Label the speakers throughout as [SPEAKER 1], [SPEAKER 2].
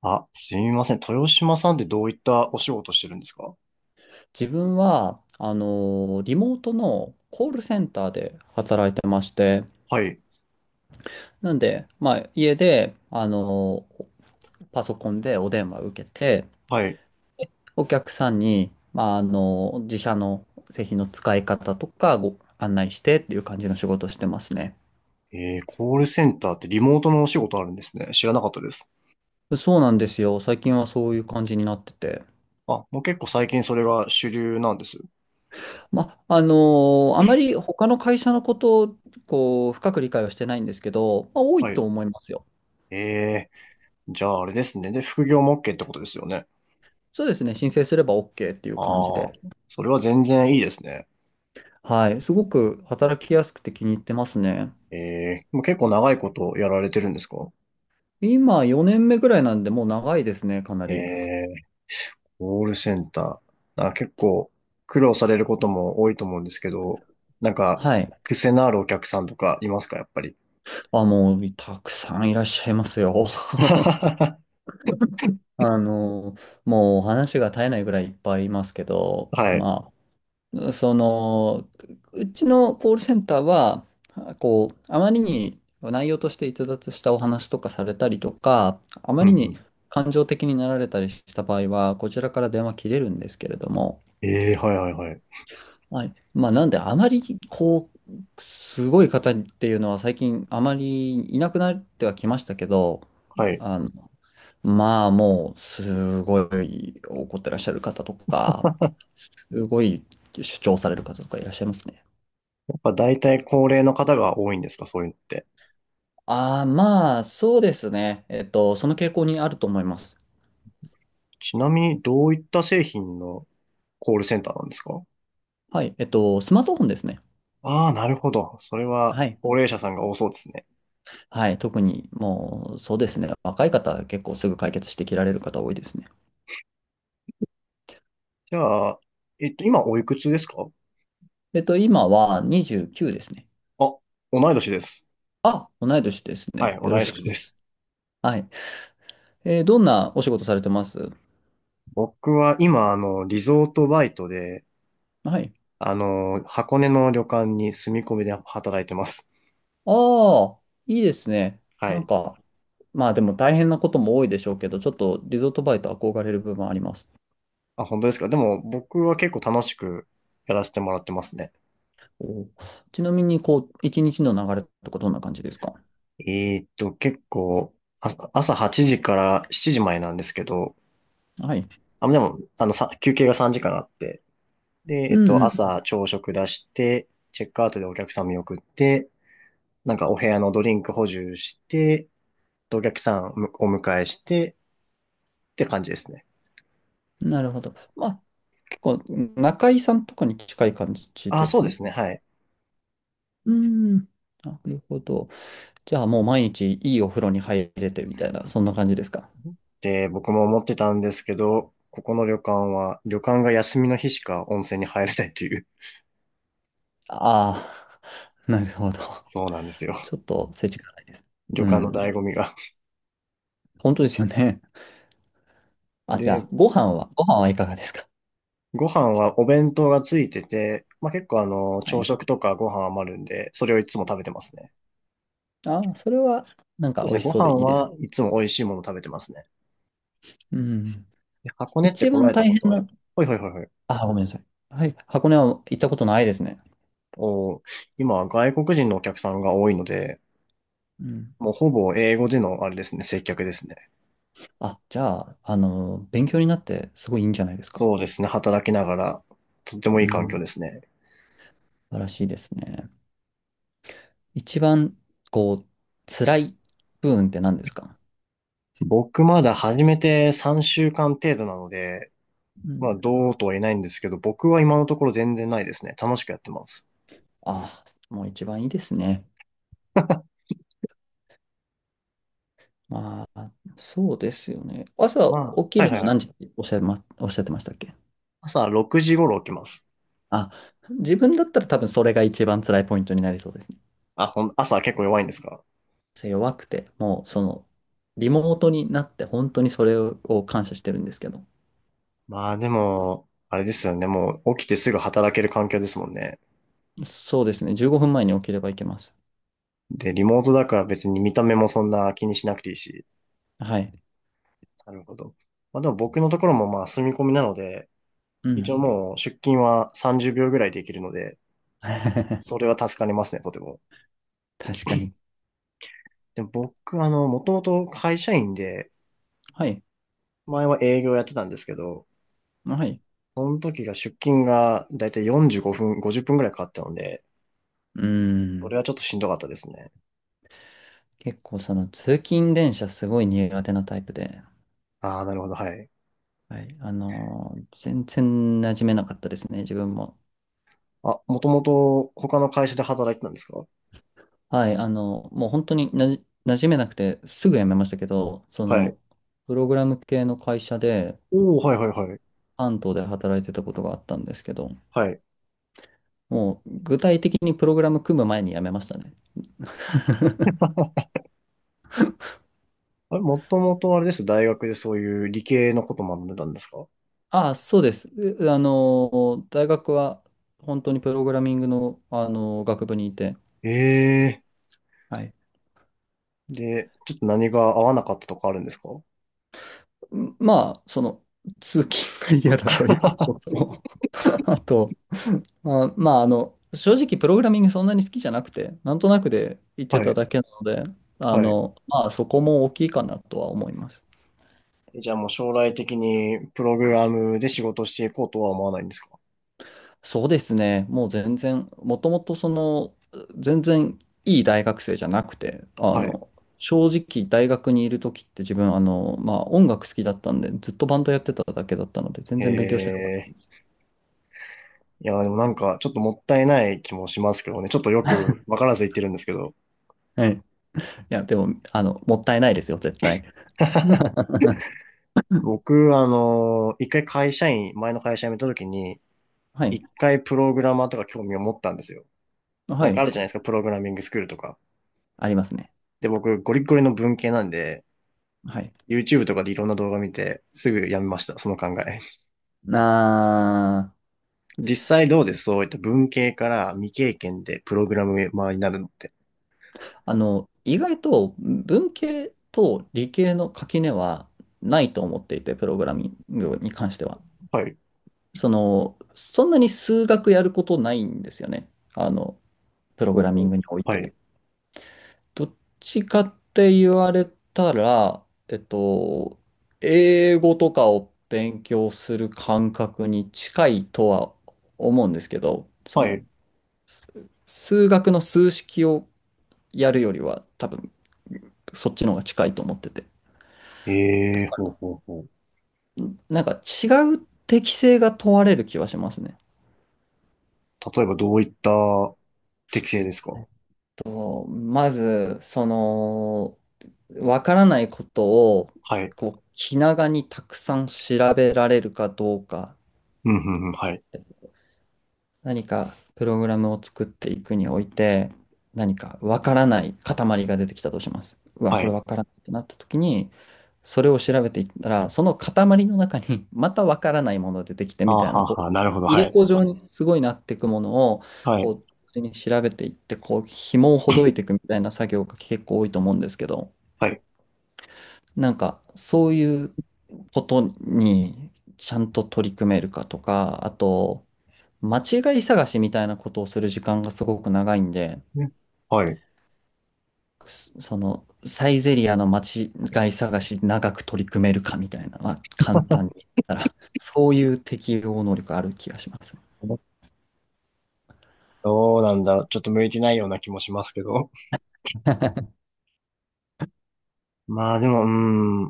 [SPEAKER 1] あ、すみません。豊島さんってどういったお仕事してるんですか？
[SPEAKER 2] 自分は、リモートのコールセンターで働いてまして、
[SPEAKER 1] はい。
[SPEAKER 2] なんで、まあ、家で、パソコンでお電話受けて、
[SPEAKER 1] はい。
[SPEAKER 2] お客さんに、まあ、自社の製品の使い方とかご案内してっていう感じの仕事をしてますね。
[SPEAKER 1] えー、コールセンターってリモートのお仕事あるんですね。知らなかったです。
[SPEAKER 2] そうなんですよ。最近はそういう感じになってて。
[SPEAKER 1] あ、もう結構最近それが主流なんです。
[SPEAKER 2] まあ、あまり他の会社のことを、こう、深く理解はしてないんですけど、まあ、多い
[SPEAKER 1] は
[SPEAKER 2] と
[SPEAKER 1] い。
[SPEAKER 2] 思いますよ。
[SPEAKER 1] えじゃああれですね。で、副業も OK ってことですよね。
[SPEAKER 2] そうですね。申請すれば OK っていう感じ
[SPEAKER 1] ああ、
[SPEAKER 2] で。
[SPEAKER 1] それは全然いいですね。
[SPEAKER 2] はい。すごく働きやすくて気に入ってますね。
[SPEAKER 1] えもう結構長いことやられてるんですか？
[SPEAKER 2] 今4年目ぐらいなんで、もう長いですね、かな
[SPEAKER 1] え
[SPEAKER 2] り。
[SPEAKER 1] え、コールセンター。あ、結構苦労されることも多いと思うんですけど、なんか、
[SPEAKER 2] はい。
[SPEAKER 1] 癖のあるお客さんとかいますか、やっぱり。
[SPEAKER 2] あ、もう、たくさんいらっしゃいますよ。あの、もうお話が絶えないぐらいいっぱいいますけど、
[SPEAKER 1] はい。
[SPEAKER 2] まあ、その、うちのコールセンターは、こう、あまりに内容として逸脱したお話とかされたりとか、あま
[SPEAKER 1] う
[SPEAKER 2] り
[SPEAKER 1] んう
[SPEAKER 2] に
[SPEAKER 1] ん。
[SPEAKER 2] 感情的になられたりした場合は、こちらから電話切れるんですけれども、
[SPEAKER 1] ええ、はいはいはい。
[SPEAKER 2] はい。まあ、なんで、あまり、こう、すごい方っていうのは最近あまりいなくなってはきましたけど、
[SPEAKER 1] はい。や
[SPEAKER 2] あの、まあ、もう、すごい怒ってらっしゃる方とか、すごい主張される方とかいらっしゃいますね。
[SPEAKER 1] っぱ大体高齢の方が多いんですか、そういうのって。
[SPEAKER 2] ああ、まあ、そうですね。えっと、その傾向にあると思います。
[SPEAKER 1] ちなみに、どういった製品のコールセンターなんですか？
[SPEAKER 2] はい。えっと、スマートフォンですね。
[SPEAKER 1] ああー、なるほど。それは、
[SPEAKER 2] はい。
[SPEAKER 1] 高齢者さんが多そうですね。
[SPEAKER 2] はい。特に、もう、そうですね。若い方は結構すぐ解決してきられる方多いですね。
[SPEAKER 1] じゃあ、今おいくつですか？
[SPEAKER 2] えっと、今は29ですね。
[SPEAKER 1] あ、同い年です。
[SPEAKER 2] あ、同い年です
[SPEAKER 1] はい、
[SPEAKER 2] ね。よ
[SPEAKER 1] 同
[SPEAKER 2] ろ
[SPEAKER 1] い
[SPEAKER 2] しく。
[SPEAKER 1] 年で す。
[SPEAKER 2] はい。えーどんなお仕事されてます？
[SPEAKER 1] 僕は今、あの、リゾートバイトで、
[SPEAKER 2] はい。
[SPEAKER 1] あの、箱根の旅館に住み込みで働いてます。
[SPEAKER 2] ああ、いいですね。
[SPEAKER 1] は
[SPEAKER 2] なん
[SPEAKER 1] い。
[SPEAKER 2] か、まあでも大変なことも多いでしょうけど、ちょっとリゾートバイト憧れる部分あります。
[SPEAKER 1] あ、本当ですか。でも、僕は結構楽しくやらせてもらってますね。
[SPEAKER 2] お、ちなみに、こう、一日の流れとかどんな感じですか？
[SPEAKER 1] 結構、朝8時から7時前なんですけど、
[SPEAKER 2] はい。
[SPEAKER 1] あ、でも、あの、休憩が3時間あって、で、
[SPEAKER 2] うん
[SPEAKER 1] 朝朝食出して、チェックアウトでお客さん見送って、なんかお部屋のドリンク補充して、でお客さんをお迎えして、って感じですね。
[SPEAKER 2] うん。なるほど。まあ、結構、中井さんとかに近い感じ
[SPEAKER 1] あ、
[SPEAKER 2] で
[SPEAKER 1] そうで
[SPEAKER 2] す。
[SPEAKER 1] すね。はい。
[SPEAKER 2] うん。なるほど。じゃあ、もう毎日いいお風呂に入れてみたいな、そんな感じですか？
[SPEAKER 1] って僕も思ってたんですけど、ここの旅館は、旅館が休みの日しか温泉に入れないという、
[SPEAKER 2] ああ、なるほど。
[SPEAKER 1] そうなんですよ。
[SPEAKER 2] ちょっと、世がないです。
[SPEAKER 1] 旅
[SPEAKER 2] う
[SPEAKER 1] 館の醍
[SPEAKER 2] ん。
[SPEAKER 1] 醐味が。
[SPEAKER 2] 本当ですよね。あ、じゃ
[SPEAKER 1] で、
[SPEAKER 2] あ、ご飯は、ご飯はいかがですか？
[SPEAKER 1] ご飯はお弁当がついてて、まあ、結構あの、
[SPEAKER 2] は
[SPEAKER 1] 朝
[SPEAKER 2] い。
[SPEAKER 1] 食とかご飯余るんで、それをいつも食べてますね。
[SPEAKER 2] ああ、それは、なん
[SPEAKER 1] そう
[SPEAKER 2] か
[SPEAKER 1] です
[SPEAKER 2] 美
[SPEAKER 1] ね、
[SPEAKER 2] 味し
[SPEAKER 1] ご
[SPEAKER 2] そうで
[SPEAKER 1] 飯
[SPEAKER 2] いいです
[SPEAKER 1] は
[SPEAKER 2] ね。
[SPEAKER 1] いつも美味しいもの食べてますね。
[SPEAKER 2] うん。
[SPEAKER 1] で箱根って
[SPEAKER 2] 一
[SPEAKER 1] 来ら
[SPEAKER 2] 番
[SPEAKER 1] れ
[SPEAKER 2] 大
[SPEAKER 1] たこ
[SPEAKER 2] 変
[SPEAKER 1] とは、
[SPEAKER 2] な、
[SPEAKER 1] ほいほいほいほい。
[SPEAKER 2] あ、ごめんなさい。はい。箱根は行ったことないですね。
[SPEAKER 1] おー、今は外国人のお客さんが多いので、
[SPEAKER 2] うん。
[SPEAKER 1] もうほぼ英語でのあれですね、接客ですね。
[SPEAKER 2] あ、じゃあ、勉強になってすごいいいんじゃないですか。
[SPEAKER 1] そうですね、働きながら、とってもいい
[SPEAKER 2] う
[SPEAKER 1] 環境
[SPEAKER 2] ん。
[SPEAKER 1] ですね。
[SPEAKER 2] 素晴らしいですね。一番、こう、辛い部分って何ですか？
[SPEAKER 1] 僕まだ始めて3週間程度なので、
[SPEAKER 2] う
[SPEAKER 1] まあ
[SPEAKER 2] ん。
[SPEAKER 1] どうとは言えないんですけど、僕は今のところ全然ないですね。楽しくやってます。
[SPEAKER 2] あ、もう一番いいですね。まあ、そうですよね。朝
[SPEAKER 1] ま
[SPEAKER 2] 起
[SPEAKER 1] あ、
[SPEAKER 2] き
[SPEAKER 1] はい
[SPEAKER 2] る
[SPEAKER 1] はい
[SPEAKER 2] の
[SPEAKER 1] はい。
[SPEAKER 2] 何時っておっしゃいま、おっしゃってましたっけ？
[SPEAKER 1] 朝6時頃起きます。
[SPEAKER 2] あ、自分だったら多分それが一番辛いポイントになりそうですね。
[SPEAKER 1] あ、ほん、朝結構弱いんですか？
[SPEAKER 2] 弱くて、もうその、リモートになって本当にそれを感謝してるんですけど。
[SPEAKER 1] まあでも、あれですよね。もう起きてすぐ働ける環境ですもんね。
[SPEAKER 2] そうですね。15分前に起きればいけます。
[SPEAKER 1] で、リモートだから別に見た目もそんな気にしなくていいし。
[SPEAKER 2] はい。
[SPEAKER 1] なるほど。まあでも僕のところもまあ住み込みなので、
[SPEAKER 2] う
[SPEAKER 1] 一応
[SPEAKER 2] ん。
[SPEAKER 1] もう出勤は30秒ぐらいできるので、そ れは助かりますね、とても。
[SPEAKER 2] 確かに。
[SPEAKER 1] でも僕、あの、もともと会社員で、
[SPEAKER 2] はい。
[SPEAKER 1] 前は営業やってたんですけど、
[SPEAKER 2] はい。
[SPEAKER 1] その時が出勤がだいたい45分、50分くらいかかったので、
[SPEAKER 2] う
[SPEAKER 1] そ
[SPEAKER 2] ん。
[SPEAKER 1] れはちょっとしんどかったですね。
[SPEAKER 2] 結構その通勤電車すごい苦手なタイプで、
[SPEAKER 1] ああ、なるほど、はい。
[SPEAKER 2] はい。全然馴染めなかったですね、自分も。
[SPEAKER 1] あ、もともと他の会社で働いてたんですか？
[SPEAKER 2] はい。もう本当になじ、馴染めなくてすぐ辞めましたけど、そ
[SPEAKER 1] はい。
[SPEAKER 2] の、プログラム系の会社で、
[SPEAKER 1] おお、はいはいはい。
[SPEAKER 2] 関東で働いてたことがあったんですけど、
[SPEAKER 1] はい。
[SPEAKER 2] もう具体的にプログラム組む前に辞めましたね。
[SPEAKER 1] あれ、もともとあれです。大学でそういう理系のこと学んでたんですか？
[SPEAKER 2] ああ、そうです。う、大学は本当にプログラミングの、あの学部にいて、
[SPEAKER 1] ええ
[SPEAKER 2] はい。
[SPEAKER 1] ーで、ちょっと何が合わなかったとかあるんですか？ は
[SPEAKER 2] まあ、その、通勤が嫌だということと、あと、まあ、正直プログラミングそんなに好きじゃなくて、なんとなくで行ってた
[SPEAKER 1] い、
[SPEAKER 2] だけなので、
[SPEAKER 1] はい。
[SPEAKER 2] まあ、そこも大きいかなとは思います。
[SPEAKER 1] じゃあもう将来的にプログラムで仕事していこうとは思わないんですか？
[SPEAKER 2] そうですね。もう全然、もともとその、全然いい大学生じゃなくて、
[SPEAKER 1] はい。
[SPEAKER 2] 正直大学にいる時って自分、まあ音楽好きだったんで、ずっとバンドやってただけだったので、全
[SPEAKER 1] へ
[SPEAKER 2] 然勉強してなかっ
[SPEAKER 1] え。いや、でもなんかちょっともったいない気もしますけどね。ちょっとよくわからず言ってるんですけど。
[SPEAKER 2] た。はい。いや、でも、もったいないですよ、絶対。うん、
[SPEAKER 1] 僕、あの、一回会社員、前の会社辞めた時に、
[SPEAKER 2] は
[SPEAKER 1] 一
[SPEAKER 2] い。
[SPEAKER 1] 回プログラマーとか興味を持ったんですよ。
[SPEAKER 2] は
[SPEAKER 1] なんかあ
[SPEAKER 2] い。
[SPEAKER 1] るじゃないですか、プログラミングスクールとか。
[SPEAKER 2] ありますね。
[SPEAKER 1] で、僕、ゴリゴリの文系なんで、
[SPEAKER 2] はい。
[SPEAKER 1] YouTube とかでいろんな動画見て、すぐやめました、その考え。
[SPEAKER 2] な
[SPEAKER 1] 実際どうです？そういった文系から未経験でプログラマーになるのって。
[SPEAKER 2] あ、意外と文系と理系の垣根はないと思っていて、プログラミングに関しては。
[SPEAKER 1] はい。
[SPEAKER 2] その、そんなに数学やることないんですよね。あの、プロ
[SPEAKER 1] ほ
[SPEAKER 2] グ
[SPEAKER 1] う
[SPEAKER 2] ラミ
[SPEAKER 1] ほ
[SPEAKER 2] ン
[SPEAKER 1] う。
[SPEAKER 2] グにおい
[SPEAKER 1] は
[SPEAKER 2] て。
[SPEAKER 1] い。
[SPEAKER 2] どっちかって言われたら、えっと、英語とかを勉強する感覚に近いとは思うんですけど、そ
[SPEAKER 1] は
[SPEAKER 2] の、
[SPEAKER 1] い。
[SPEAKER 2] 数学の数式をやるよりは多分、そっちの方が近いと思ってて。だ
[SPEAKER 1] ええ、
[SPEAKER 2] か
[SPEAKER 1] ほう
[SPEAKER 2] ら、
[SPEAKER 1] ほうほう。
[SPEAKER 2] なんか違う適性が問われる気はしますね。
[SPEAKER 1] 例えばどういった適性ですか？
[SPEAKER 2] まず、その、わからないことを、
[SPEAKER 1] はい。
[SPEAKER 2] こう、気長にたくさん調べられるかどうか、
[SPEAKER 1] うん、うん、うん、はい。
[SPEAKER 2] 何かプログラムを作っていくにおいて、何かわからない塊が出てきたとします。うわ、
[SPEAKER 1] は
[SPEAKER 2] これ
[SPEAKER 1] い。
[SPEAKER 2] わからないってなった時に、それを調べていったら、その塊の中に またわからないものが出てきて
[SPEAKER 1] あ
[SPEAKER 2] みたい
[SPEAKER 1] は
[SPEAKER 2] な、こ
[SPEAKER 1] あ
[SPEAKER 2] う、
[SPEAKER 1] はあ、なるほど、
[SPEAKER 2] 入
[SPEAKER 1] は
[SPEAKER 2] れ
[SPEAKER 1] い。
[SPEAKER 2] 子状にすごいなっていくものを、
[SPEAKER 1] は
[SPEAKER 2] こ
[SPEAKER 1] い。
[SPEAKER 2] う、同時に調べていって、こう、紐をほどいてい くみたいな作業が結構多いと思うんですけど、
[SPEAKER 1] はい。
[SPEAKER 2] なんか、そういうことにちゃんと取り組めるかとか、あと、間違い探しみたいなことをする時間がすごく長いんで、
[SPEAKER 1] ね、はい。
[SPEAKER 2] その、サイゼリアの間違い探し長く取り組めるかみたいな、まあ、簡単に言ったら、そういう適応能力ある気がしますね。
[SPEAKER 1] どうなんだ。ちょっと向いてないような気もしますけど。まあでも、うー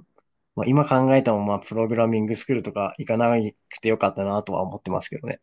[SPEAKER 1] ん。まあ、今考えても、まあ、プログラミングスクールとか行かなくてよかったなとは思ってますけどね。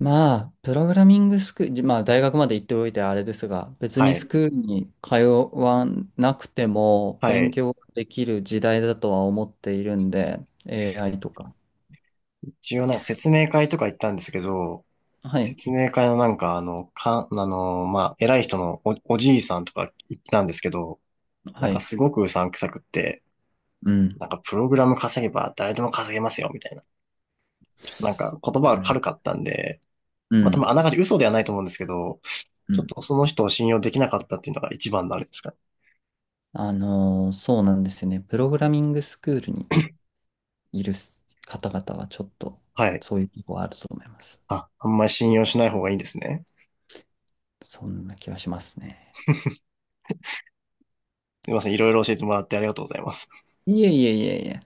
[SPEAKER 2] まあ、プログラミングスクール、まあ、大学まで行っておいてあれですが、別
[SPEAKER 1] は
[SPEAKER 2] にス
[SPEAKER 1] い。
[SPEAKER 2] クールに通わなくても
[SPEAKER 1] は
[SPEAKER 2] 勉
[SPEAKER 1] い。
[SPEAKER 2] 強できる時代だとは思っているんで、AI とか。
[SPEAKER 1] 一応なんか説明会とか行ったんですけど、
[SPEAKER 2] はい。
[SPEAKER 1] 説明会のなんか、あの、あの、まあ、偉い人のお、おじいさんとか言ったんですけど、な
[SPEAKER 2] は
[SPEAKER 1] んか
[SPEAKER 2] い。
[SPEAKER 1] すごくうさんくさくって、
[SPEAKER 2] うん。
[SPEAKER 1] なんかプログラム稼げば誰でも稼げますよ、みたいな。ちょっとなんか言葉が軽か
[SPEAKER 2] う
[SPEAKER 1] ったんで、まあ、多
[SPEAKER 2] ん。
[SPEAKER 1] 分あながち嘘ではないと思うんですけど、
[SPEAKER 2] う
[SPEAKER 1] ちょっ
[SPEAKER 2] ん。
[SPEAKER 1] とその人を信用できなかったっていうのが一番のあれですかね。
[SPEAKER 2] そうなんですよね。プログラミングスクールにいる方々はちょっと
[SPEAKER 1] はい。
[SPEAKER 2] そういうとこあると思います。
[SPEAKER 1] あ、あんまり信用しない方がいいんですね。
[SPEAKER 2] そんな気はしますね。
[SPEAKER 1] すいません。いろいろ教えてもらってありがとうございます。
[SPEAKER 2] いえいえいえいえ。